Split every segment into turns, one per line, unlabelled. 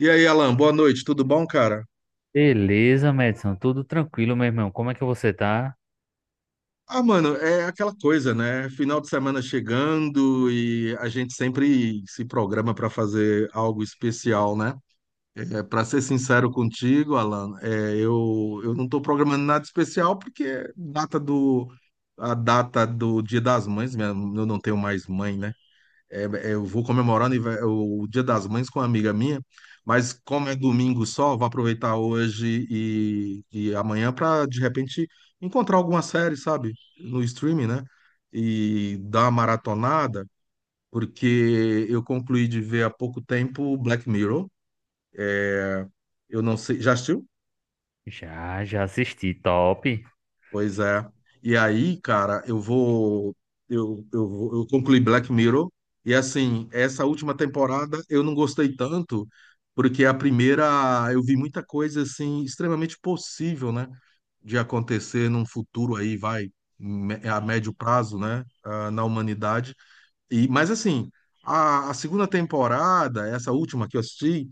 E aí, Alan, boa noite, tudo bom, cara?
Beleza, Madison, tudo tranquilo, meu irmão. Como é que você tá?
Ah, mano, é aquela coisa, né? Final de semana chegando e a gente sempre se programa para fazer algo especial, né? Para ser sincero contigo, Alan, eu não tô programando nada especial porque a data do Dia das Mães, eu não tenho mais mãe, né? Eu vou comemorar o o Dia das Mães com uma amiga minha, mas como é domingo só, vou aproveitar hoje e amanhã para de repente encontrar alguma série, sabe, no streaming, né? E dar uma maratonada, porque eu concluí de ver há pouco tempo Black Mirror. Eu não sei, já assistiu?
Já, já assisti, top.
Pois é. E aí, cara, eu vou. Eu concluí Black Mirror. E assim, essa última temporada eu não gostei tanto, porque a primeira eu vi muita coisa assim, extremamente possível, né? De acontecer num futuro aí, vai, a médio prazo, né? Na humanidade. Mas assim, a segunda temporada, essa última que eu assisti.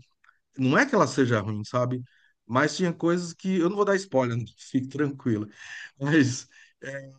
Não é que ela seja ruim, sabe? Mas tinha coisas que. Eu não vou dar spoiler, fique tranquila. Mas é,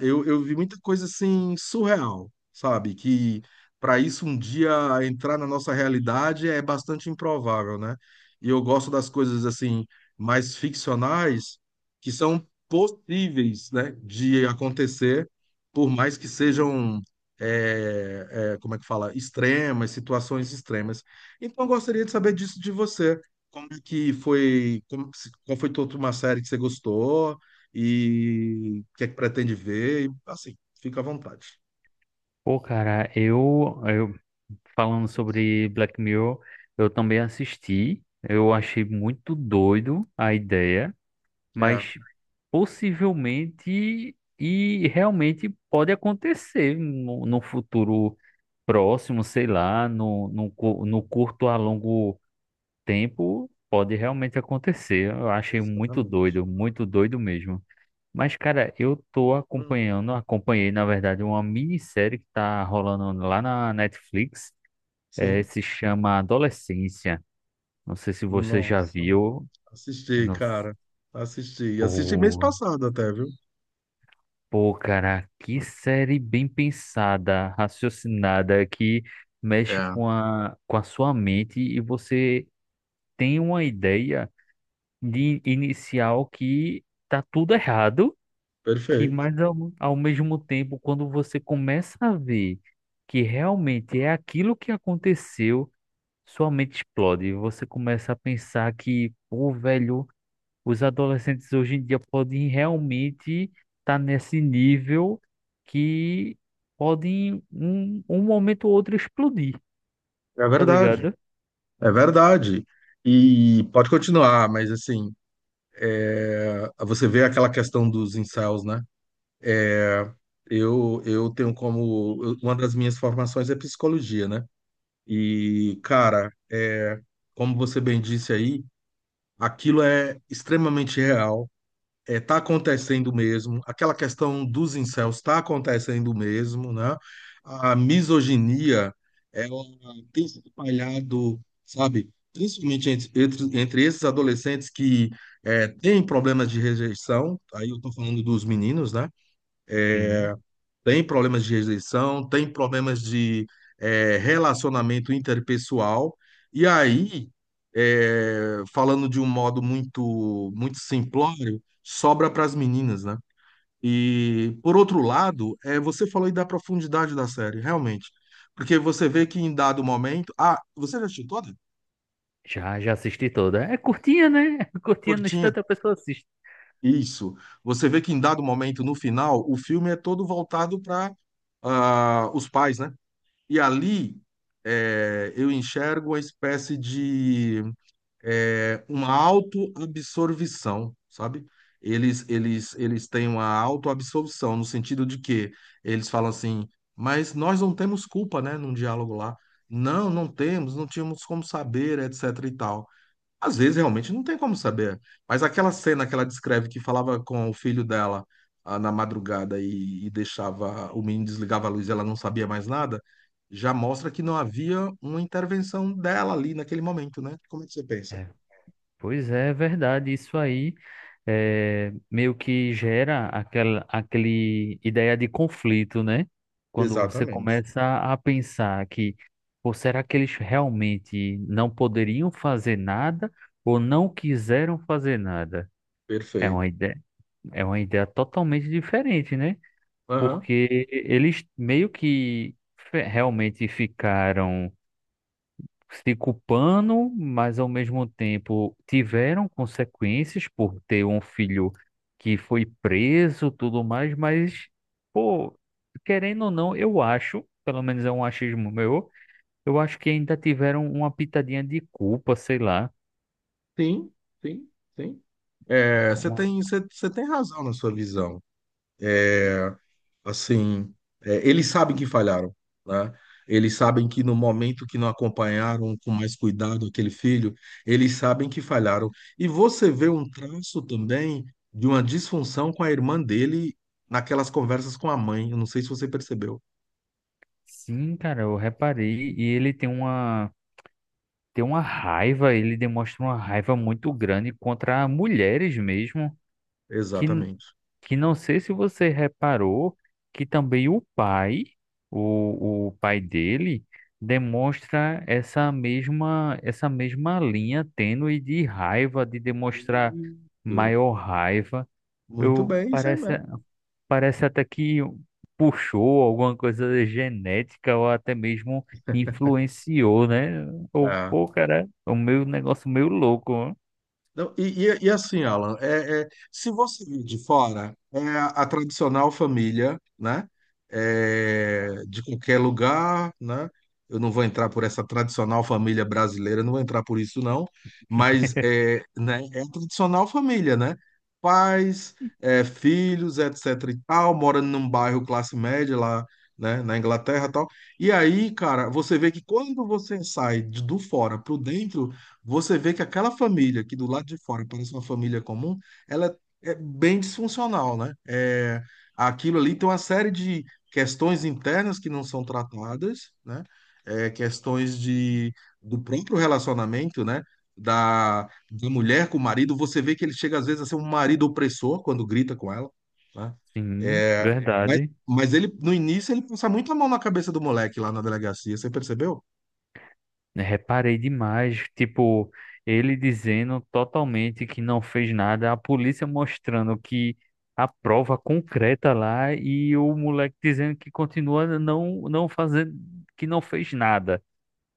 eu vi muita coisa assim surreal, sabe? Que para isso um dia entrar na nossa realidade é bastante improvável, né? E eu gosto das coisas assim mais ficcionais que são possíveis, né, de acontecer, por mais que sejam, como é que fala, extremas, situações extremas. Então, eu gostaria de saber disso de você. Como é que foi, como, se- qual foi toda uma série que você gostou e o que é que pretende ver? E, assim, fica à vontade.
Pô, cara, eu falando sobre Black Mirror, eu também assisti. Eu achei muito doido a ideia,
É,
mas possivelmente e realmente pode acontecer no futuro próximo, sei lá, no curto a longo tempo pode realmente acontecer. Eu achei
exatamente.
muito doido mesmo. Mas, cara, eu tô
Hum,
acompanhando, acompanhei, na verdade, uma minissérie que tá rolando lá na Netflix.
sim.
Se chama Adolescência. Não sei se você já
Nossa,
viu.
assisti,
Não.
cara. Assisti. Assisti mês
Pô,
passado até, viu?
cara, que série bem pensada, raciocinada, que mexe
É,
com a sua mente e você tem uma ideia de inicial que tá tudo errado, que
perfeito.
mas ao mesmo tempo, quando você começa a ver que realmente é aquilo que aconteceu, sua mente explode. Você começa a pensar que, pô, velho, os adolescentes hoje em dia podem realmente estar nesse nível que podem um momento ou outro explodir,
É
tá
verdade.
ligado?
É verdade. E pode continuar, mas assim, você vê aquela questão dos incels, né? Eu tenho como. Uma das minhas formações é psicologia, né? E, cara, é, como você bem disse aí, aquilo é extremamente real, é, tá acontecendo mesmo, aquela questão dos incels está acontecendo mesmo, né? A misoginia, ela tem se espalhado, sabe? Principalmente entre esses adolescentes que têm problemas de rejeição, aí eu tô falando dos meninos, né?
Sim.
Tem problemas de rejeição, tem problemas de relacionamento interpessoal. E aí, falando de um modo muito, muito simplório, sobra para as meninas, né? E, por outro lado, é você falou aí da profundidade da série, realmente. Porque você vê que em dado momento. Ah, você já assistiu toda?
Já, já assisti toda. É curtinha, né? Curtinha no
Curtinha.
instante a pessoa assiste.
Isso. Você vê que em dado momento, no final, o filme é todo voltado para os pais, né? E ali eu enxergo uma espécie de uma autoabsorvição, sabe? Eles têm uma autoabsorção, no sentido de que eles falam assim, mas nós não temos culpa, né, num diálogo lá. Não, não temos, não tínhamos como saber, etc e tal. Às vezes realmente não tem como saber. Mas aquela cena que ela descreve que falava com o filho dela na madrugada e deixava o menino desligava a luz e ela não sabia mais nada, já mostra que não havia uma intervenção dela ali naquele momento, né? Como é que você pensa?
Pois é, é verdade. Isso aí é, meio que gera aquela aquele ideia de conflito, né? Quando você
Exatamente.
começa a pensar que, pô, será que eles realmente não poderiam fazer nada ou não quiseram fazer nada? É
Perfeito.
uma ideia, é uma ideia totalmente diferente, né?
Aham.
Porque eles meio que realmente ficaram se culpando, mas ao mesmo tempo tiveram consequências por ter um filho que foi preso, tudo mais, mas, pô, querendo ou não, eu acho, pelo menos é um achismo meu, eu acho que ainda tiveram uma pitadinha de culpa, sei lá.
Sim, sim, sim. É,
Uma-
você
uma-
tem, você tem razão na sua visão. Assim, é, eles sabem que falharam, né? Eles sabem que no momento que não acompanharam com mais cuidado aquele filho, eles sabem que falharam. E você vê um traço também de uma disfunção com a irmã dele naquelas conversas com a mãe. Eu não sei se você percebeu.
Sim, cara, eu reparei, e ele tem uma. Tem uma raiva, ele demonstra uma raiva muito grande contra mulheres mesmo, que
Exatamente.
que não sei se você reparou que também o pai, o pai dele, demonstra essa mesma linha tênue de raiva, de demonstrar
Isso.
maior raiva.
Muito
Eu
bem, isso aí
parece,
mesmo.
parece até que puxou alguma coisa genética ou até mesmo influenciou, né? Ou,
É.
pô, cara, o meu negócio meio louco, ó.
Não, e assim, Alan, se você vir de fora, é a tradicional família, né? É, de qualquer lugar, né? Eu não vou entrar por essa tradicional família brasileira, não vou entrar por isso, não. Mas é, né, é a tradicional família, né? Pais, é, filhos, etc e tal, morando num bairro classe média lá, né, na Inglaterra e tal. E aí, cara, você vê que quando você sai do fora pro dentro você vê que aquela família que do lado de fora parece uma família comum, ela é bem disfuncional, né? É, aquilo ali tem uma série de questões internas que não são tratadas, né? É, questões de, do próprio relacionamento, né? Da, da mulher com o marido, você vê que ele chega às vezes a ser um marido opressor quando grita com ela, né?
Sim, é
É, mas,
verdade.
mas ele, no início, ele passa muito a mão na cabeça do moleque lá na delegacia, você percebeu?
Né, reparei demais, tipo, ele dizendo totalmente que não fez nada, a polícia mostrando que a prova concreta lá e o moleque dizendo que continua não fazendo, que não fez nada.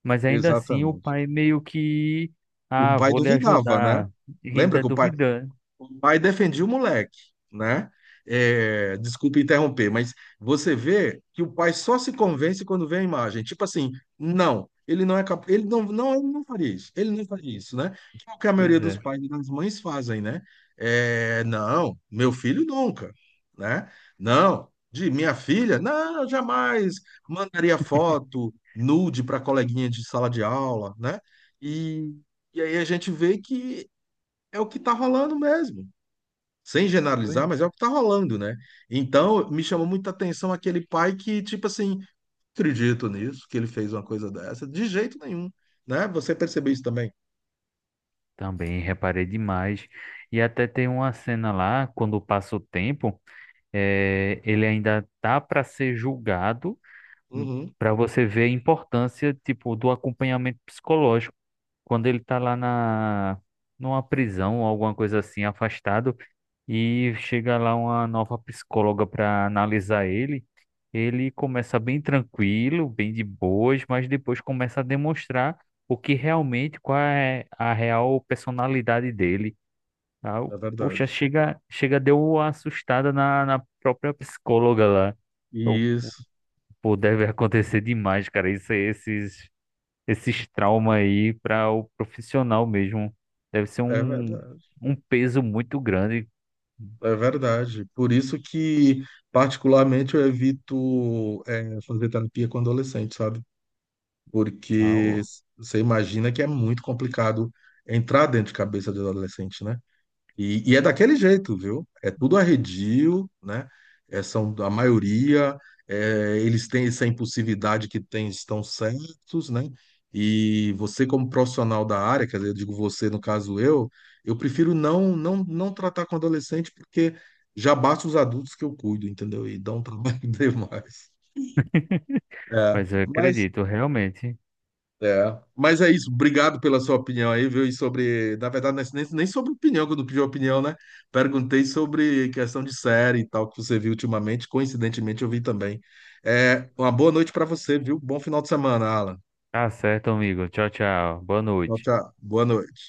Mas ainda assim o
Exatamente.
pai meio que,
O
ah,
pai
vou lhe
duvidava, né?
ajudar, e
Lembra
ainda
que
duvidando.
o pai defendia o moleque, né? É, desculpe interromper, mas você vê que o pai só se convence quando vê a imagem. Tipo assim, não, ele não é capaz, ele não faria isso, ele não faria isso, né? Que é o que a
Pois
maioria dos
é.
pais e das mães fazem, né? É, não, meu filho nunca, né? Não, de minha filha, não, eu jamais mandaria foto nude para coleguinha de sala de aula, né? E, e aí a gente vê que é o que está rolando mesmo sem
Pois.
generalizar, mas é o que está rolando, né? Então, me chamou muita atenção aquele pai que, tipo assim, acredito nisso, que ele fez uma coisa dessa, de jeito nenhum, né? Você percebeu isso também?
Também reparei demais. E até tem uma cena lá, quando passa o tempo, ele ainda tá para ser julgado
Uhum,
para você ver a importância, tipo, do acompanhamento psicológico quando ele tá lá na numa prisão ou alguma coisa assim, afastado, e chega lá uma nova psicóloga para analisar ele. Ele começa bem tranquilo, bem de boas, mas depois começa a demonstrar o que realmente, qual é a real personalidade dele. Tá?
é
Poxa,
verdade.
chega, chega, deu uma assustada na, na própria psicóloga lá.
Isso,
Pô, deve acontecer demais, cara. Isso, aí, esses, esses traumas aí para o profissional mesmo. Deve ser
é
um,
verdade.
um peso muito grande.
É verdade. Por isso que, particularmente, eu evito fazer terapia com adolescente, sabe?
Ah,
Porque
ô.
você imagina que é muito complicado entrar dentro de cabeça de adolescente, né? E é daquele jeito, viu? É tudo arredio, né? É, são a maioria, eles têm essa impulsividade que têm, estão certos, né? E você, como profissional da área, quer dizer, eu digo você, no caso eu prefiro não tratar com adolescente, porque já basta os adultos que eu cuido, entendeu? E dá um trabalho demais. É,
Mas eu
mas
acredito, realmente.
é, mas é isso. Obrigado pela sua opinião aí, viu? E sobre, na verdade, não é nem sobre opinião, quando pedi opinião, né? Perguntei sobre questão de série e tal que você viu ultimamente. Coincidentemente, eu vi também. É, uma boa noite para você, viu? Bom final de semana, Alan.
Tá certo, amigo. Tchau, tchau. Boa
Tchau,
noite.
tchau. Boa noite.